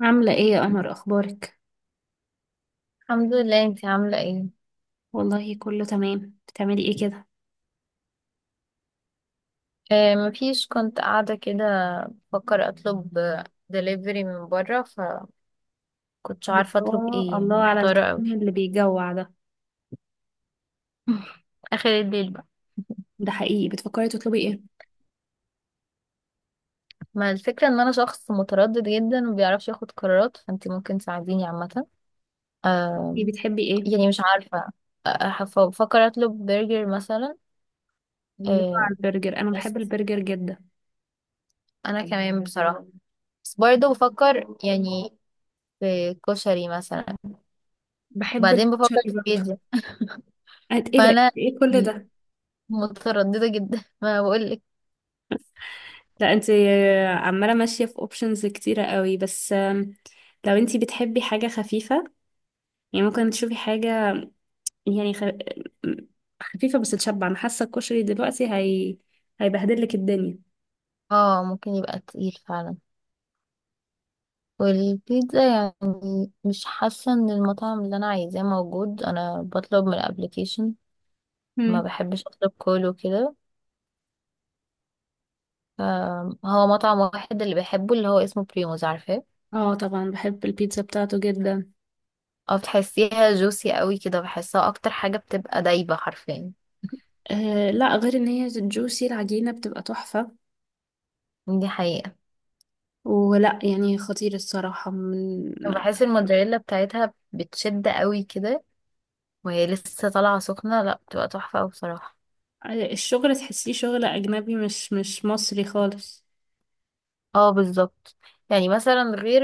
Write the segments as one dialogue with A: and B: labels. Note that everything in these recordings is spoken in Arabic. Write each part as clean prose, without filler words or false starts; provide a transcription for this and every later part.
A: عاملة ايه يا قمر؟ اخبارك؟
B: الحمد لله، انتي عاملة ايه؟
A: والله كله تمام. بتعملي ايه كده؟
B: آه، مفيش. كنت قاعدة كده، بفكر اطلب دليفري من بره، فكنتش عارفة اطلب
A: الله
B: ايه،
A: الله على
B: محتارة اوي.
A: الكلام اللي بيجوع ده.
B: اخر الليل بقى.
A: ده حقيقي بتفكري تطلبي ايه؟
B: ما الفكرة ان انا شخص متردد جدا ومبيعرفش ياخد قرارات، فانتي ممكن تساعديني عامة. آه.
A: ايه بتحبي؟ ايه
B: يعني مش عارفة. آه، بفكر اطلب برجر مثلا.
A: الله
B: آه.
A: على البرجر، انا بحب
B: بس
A: البرجر جدا.
B: انا كمان بصراحة، بس برضه بفكر يعني في كشري مثلا،
A: بحب
B: وبعدين بفكر
A: الكشري
B: في
A: برضه.
B: بيتزا.
A: ايه ده؟
B: فانا
A: ايه كل
B: يعني
A: ده؟
B: مترددة جدا ما بقولك.
A: لا انت عمالة ماشية في اوبشنز كتيرة قوي، بس لو انت بتحبي حاجة خفيفة، يعني ممكن تشوفي حاجة يعني خفيفة بس تشبع. انا حاسة الكشري دلوقتي هي هيبهدلك الدنيا.
B: اه، ممكن يبقى تقيل فعلا. والبيتزا يعني مش حاسة ان المطعم اللي انا عايزاه موجود، انا بطلب من الابليكيشن. ما
A: مم.
B: بحبش اطلب كول وكده. ف- هو مطعم واحد اللي بحبه اللي هو اسمه بريموز، عارفاه.
A: اه طبعا بحب البيتزا بتاعته جدا.
B: اه، بتحسيها جوسي قوي كده، بحسها اكتر حاجة بتبقى دايبة حرفيا.
A: آه، لا غير ان هي جوسي، العجينة بتبقى تحفة.
B: دي حقيقة.
A: ولا يعني خطير الصراحة من
B: بحس الموتزاريلا بتاعتها بتشد قوي كده، وهي لسه طالعة سخنة، لا بتبقى تحفة أوي بصراحة.
A: الشغل، تحسيه شغل أجنبي، مش مصري خالص.
B: اه بالظبط. يعني مثلا غير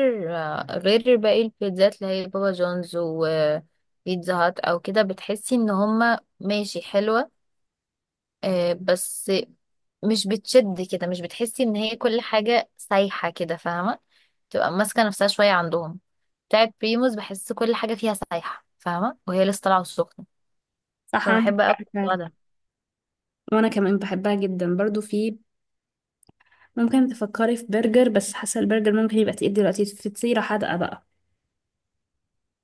B: غير باقي البيتزات اللي هي بابا جونز وبيتزا هات او كده، بتحسي ان هما ماشي حلوة. آه، بس مش بتشد كده، مش بتحسي ان هي كل حاجة سايحة كده، فاهمة. تبقى ماسكة نفسها شوية عندهم. بتاعت بريموز بحس كل حاجة فيها سايحة فاهمة، وهي لسه طالعة السخنة.
A: صح عندك
B: فبحب اوي
A: حق
B: الموضوع
A: فعلا.
B: ده.
A: وأنا كمان بحبها جدا برضو. في ممكن تفكري في برجر، بس حاسة البرجر ممكن يبقى تقيل دلوقتي. في فطيرة حادقة بقى؟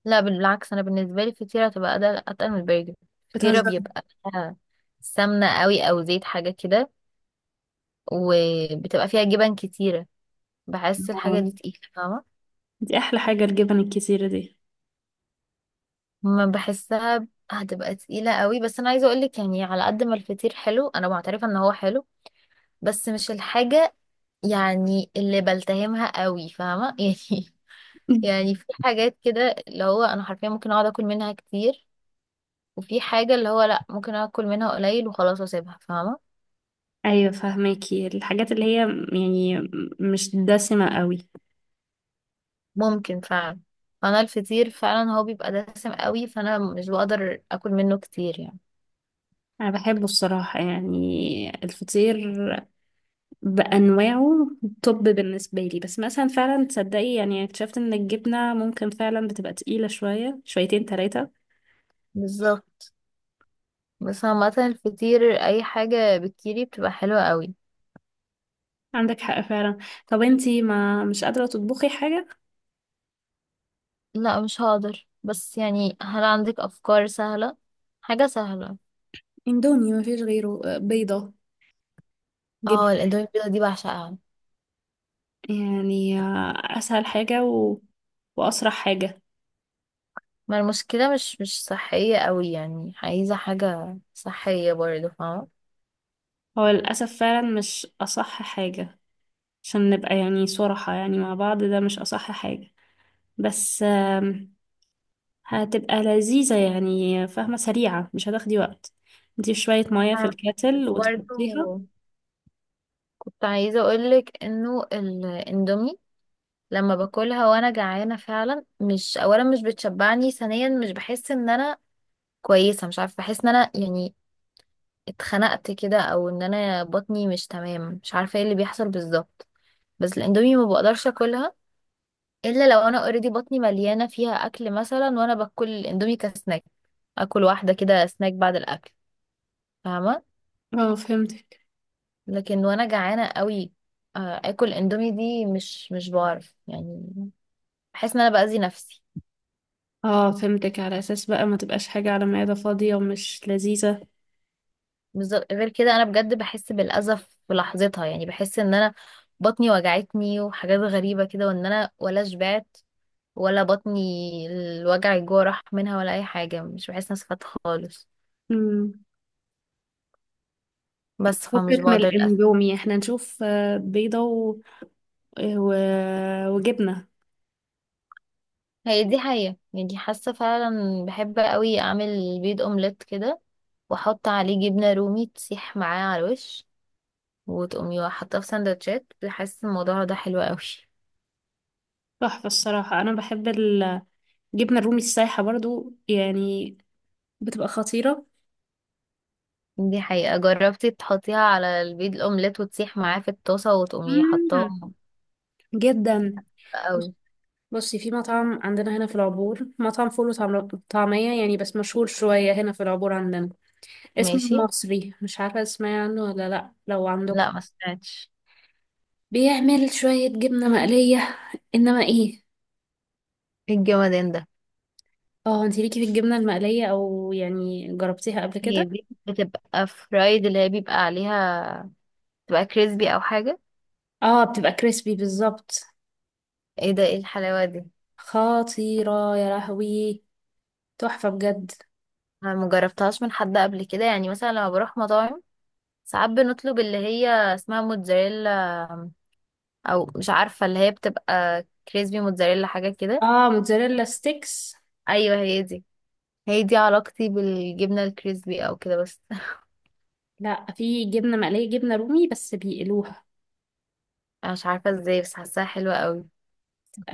B: لا بالعكس، انا بالنسبة لي الفطيرة تبقى اتقل من البرجر. الفطيرة
A: بتهزري؟
B: بيبقى فيها سمنة قوي او زيت حاجة كده، وبتبقى فيها جبن كتيرة. بحس الحاجة
A: آه،
B: دي تقيلة فاهمة.
A: دي أحلى حاجة، الجبن الكتيرة دي.
B: ما بحسها ب- هتبقى تقيلة قوي. بس أنا عايزة أقولك يعني، على قد ما الفطير حلو أنا معترفة إن هو حلو، بس مش الحاجة يعني اللي بلتهمها قوي فاهمة يعني. يعني في حاجات كده اللي هو أنا حرفيا ممكن أقعد أكل منها كتير، وفي حاجة اللي هو لأ ممكن أكل منها قليل وخلاص أسيبها فاهمة.
A: أيوة فهماكي، الحاجات اللي هي يعني مش دسمة قوي.
B: ممكن فعلا. فأنا الفطير فعلا هو بيبقى دسم قوي، فأنا مش بقدر أكل منه كتير يعني.
A: انا بحبه الصراحة يعني، الفطير بانواعه توب بالنسبة لي، بس مثلا فعلا تصدقي يعني اكتشفت ان الجبنة ممكن فعلا بتبقى تقيلة شوية، شويتين، ثلاثة.
B: بالظبط. بس عامة الفطير أي حاجة بالكيري بتبقى حلوة قوي.
A: عندك حق فعلا. طب انتي ما مش قادرة تطبخي حاجة؟
B: لا مش هقدر، بس يعني هل عندك أفكار سهلة؟ حاجة سهلة.
A: اندومي، ما فيش غيره. بيضة، جبن،
B: اه الاندومي البيضة دي بعشقها.
A: يعني اسهل حاجة واسرع حاجة.
B: ما المشكلة مش صحية قوي، يعني عايزة حاجة صحية برضه فاهمة.
A: هو للاسف فعلا مش اصح حاجة. عشان نبقى يعني صراحة يعني مع بعض ده مش اصح حاجة، بس هتبقى لذيذة يعني فاهمة، سريعة مش هتاخدي وقت. انتي شوية مية في
B: فاهمة.
A: الكاتل
B: بس
A: وتحطيها.
B: برضه كنت عايزة أقولك إنه الاندومي لما باكلها وأنا جعانة فعلا، مش أولا مش بتشبعني، ثانيا مش بحس إن أنا كويسة، مش عارفة بحس إن أنا يعني اتخنقت كده، او ان انا بطني مش تمام، مش عارفه ايه اللي بيحصل بالظبط. بس الاندومي ما بقدرش اكلها الا لو انا اوريدي بطني مليانه فيها اكل، مثلا وانا باكل الاندومي كسناك، اكل واحده كده سناك بعد الاكل، فاهمه.
A: اه فهمتك.
B: لكن وانا جعانه قوي، آه، اكل اندومي دي مش بعرف يعني. بحس ان انا باذي نفسي.
A: اه فهمتك، على اساس بقى ما تبقاش حاجة على معدة فاضية ومش لذيذة.
B: بالظبط، غير كده انا بجد بحس بالاذى في لحظتها، يعني بحس ان انا بطني وجعتني وحاجات غريبه كده، وان انا ولا شبعت، ولا بطني الجوع راح منها، ولا اي حاجه مش بحس نفسي فات خالص.
A: امم
B: بس فمش
A: فكك من
B: بقدر للاسف.
A: الاندومي، احنا نشوف بيضة و... وجبنة.
B: هي دي حقيقه، يعني حاسه فعلا بحب قوي اعمل بيض اومليت كده، واحط عليه جبنه رومي تسيح معاه على الوش، وتقومي حاطاه في سندوتشات، بحس الموضوع ده حلو قوي.
A: تحفة الصراحة، انا بحب الجبنة الرومي السايحة برضو يعني، بتبقى خطيرة.
B: دي حقيقه، جربتي تحطيها على البيض الاومليت وتسيح معاه في الطاسه وتقومي
A: مم.
B: حطاهم.
A: جدا.
B: قوي.
A: بصي، في مطعم عندنا هنا في العبور، مطعم فول وطعمية يعني، بس مشهور شوية هنا في العبور عندنا، اسمه
B: ماشي.
A: المصري. مش عارفة تسمعي عنه ولا لأ، لو عندكم.
B: لا ما سمعتش.
A: بيعمل شوية جبنة مقلية إنما إيه.
B: إيه الجمدان ده؟
A: اه، انتي ليكي في الجبنة المقلية؟ أو يعني جربتيها قبل
B: هي
A: كده؟
B: دي بتبقى فرايد اللي هي بيبقى عليها، بتبقى كريسبي او حاجة.
A: اه بتبقى كريسبي بالظبط.
B: ايه ده، ايه الحلاوة دي!
A: خطيرة يا لهوي، تحفة بجد.
B: انا مجربتهاش من حد قبل كده، يعني مثلا لما بروح مطاعم ساعات بنطلب اللي هي اسمها موتزاريلا، او مش عارفة اللي هي بتبقى كريسبي موتزاريلا حاجة كده.
A: اه موتزاريلا ستيكس.
B: ايوه هي دي. هي دي علاقتي بالجبنة الكريسبي او كده بس
A: لأ، في جبنة مقلية، جبنة رومي بس بيقلوها.
B: انا مش عارفة ازاي بس حاساها حلوة قوي.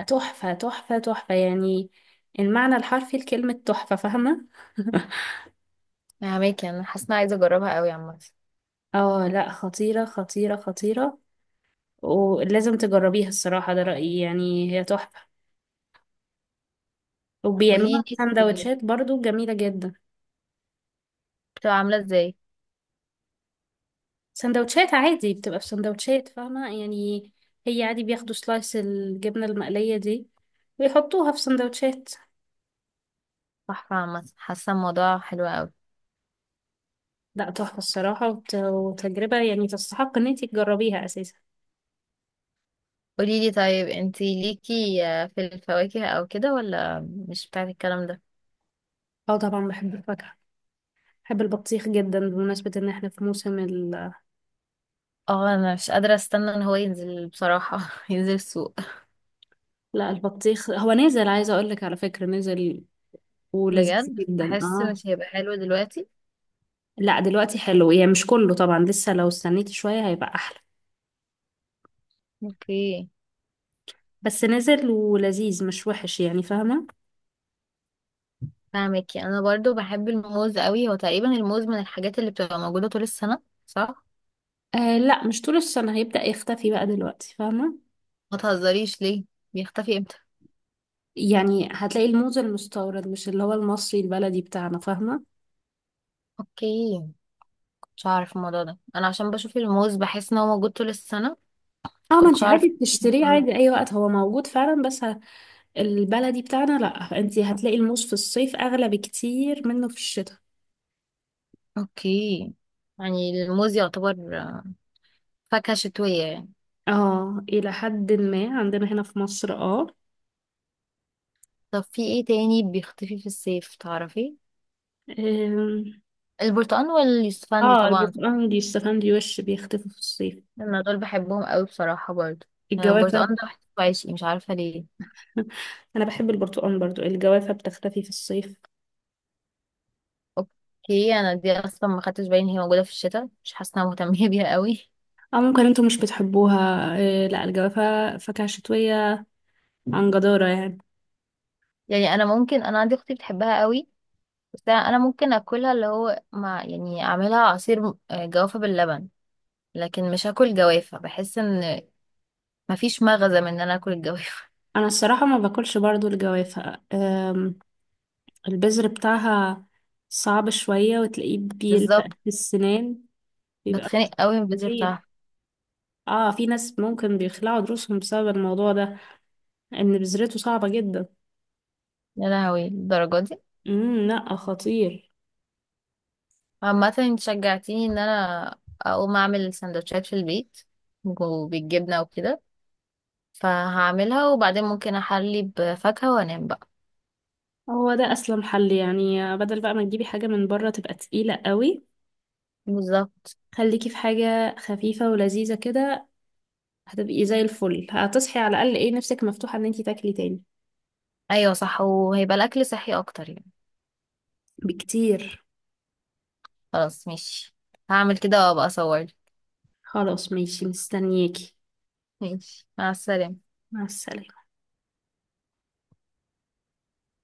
A: تحفة تحفة تحفة يعني، المعنى الحرفي لكلمة تحفة فاهمة.
B: فهماكي، انا حاسة إن أنا عايزة اجربها قوي عامة.
A: اه لا خطيرة خطيرة خطيرة، ولازم تجربيها الصراحة، ده رأيي يعني، هي تحفة. وبيعملوها في
B: قوليلي
A: سندوتشات برضو جميلة جدا.
B: بتبقى عاملة ازاي.
A: سندوتشات عادي، بتبقى في سندوتشات فاهمة يعني، هي عادي بياخدوا سلايس الجبنة المقلية دي ويحطوها في سندوتشات.
B: تحفة، عامة حاسة الموضوع حلو قوي.
A: لا تحفة الصراحة، وتجربة يعني، تستحق ان انتي تجربيها اساسا.
B: قوليلي طيب، انتي ليكي في الفواكه او كده ولا مش بتاعت الكلام ده؟
A: اه طبعا بحب الفاكهة. بحب البطيخ جدا، بمناسبة ان احنا في موسم
B: اه انا مش قادرة استنى ان هو ينزل بصراحة، ينزل السوق.
A: لا البطيخ هو نزل، عايزة اقول لك على فكرة نزل ولذيذ
B: بجد
A: جدا،
B: بحس
A: اه.
B: مش هيبقى حلو دلوقتي.
A: لا دلوقتي حلو، يعني مش كله طبعا، لسه لو استنيت شوية هيبقى احلى،
B: اوكي.
A: بس نزل ولذيذ مش وحش يعني فاهمة.
B: فاهمكي، انا برضو بحب الموز قوي، هو تقريبا الموز من الحاجات اللي بتبقى موجودة طول السنة صح؟
A: آه لا مش طول السنة، هيبدأ يختفي بقى دلوقتي فاهمة.
B: ما تهزريش ليه، بيختفي امتى؟
A: يعني هتلاقي الموز المستورد مش اللي هو المصري البلدي بتاعنا فاهمة.
B: اوكي، كنتش اعرف الموضوع ده، انا عشان بشوف الموز بحس ان هو موجود طول السنة.
A: اه ما
B: كنتش
A: انت
B: اعرف
A: عادي بتشتريه
B: الموضوع ده.
A: عادي اي وقت، هو موجود فعلا بس البلدي بتاعنا لا، انت هتلاقي الموز في الصيف اغلى بكتير منه في الشتاء.
B: اوكي. يعني الموز يعتبر فاكهة شتوية يعني.
A: اه الى حد ما، عندنا هنا في مصر اه.
B: طب في ايه تاني بيختفي في الصيف، تعرفي؟
A: أم،
B: البرتقال واليوسفندي
A: اه
B: طبعا.
A: البرتقال دي، الشوفان دي وش بيختفي في الصيف.
B: انا دول بحبهم قوي بصراحة برضه يعني.
A: الجوافة.
B: البرتقال ده بحسه عايشي، مش عارفة ليه.
A: انا بحب البرتقال برضو. الجوافة بتختفي في الصيف
B: اوكي، انا دي اصلا ما خدتش بالي ان هي موجودة في الشتاء، مش حاسة إن انا مهتمة بيها قوي.
A: اه، ممكن انتوا مش بتحبوها إيه. لا الجوافة فاكهة شتوية عن جدارة يعني.
B: يعني انا عندي اختي بتحبها قوي، بس انا ممكن اكلها اللي هو مع، يعني اعملها عصير آه، جوافة باللبن، لكن مش هاكل جوافة، بحس ان مفيش مغزى من ان انا اكل الجوافة.
A: انا الصراحة ما باكلش برضو الجوافة. البذر بتاعها صعب شوية، وتلاقيه بيلفق
B: بالظبط.
A: في السنان، بيبقى
B: بتخنق
A: مش
B: قوي من البذر
A: مريح.
B: بتاعها.
A: اه في ناس ممكن بيخلعوا دروسهم بسبب الموضوع ده، ان بذرته صعبة جدا.
B: يا لهوي الدرجة دي.
A: لا خطير.
B: عامة انت شجعتيني ان انا اقوم اعمل سندوتشات في البيت وبالجبنة وكده، فهعملها وبعدين ممكن احلي بفاكهة وانام بقى.
A: هو ده اسلم حل يعني، بدل بقى ما تجيبي حاجة من بره تبقى تقيلة قوي.
B: بالظبط.
A: خليكي في حاجة خفيفة ولذيذة كده، هتبقي زي الفل، هتصحي على الأقل ايه، نفسك مفتوحة ان انتي تاكلي تاني.
B: ايوه صح، وهيبقى الاكل صحي اكتر يعني.
A: بكتير.
B: خلاص ماشي، هعمل كده وابقى اصور.
A: خلاص ماشي، مستنياكي.
B: ماشي، مع السلامة.
A: مع السلامة.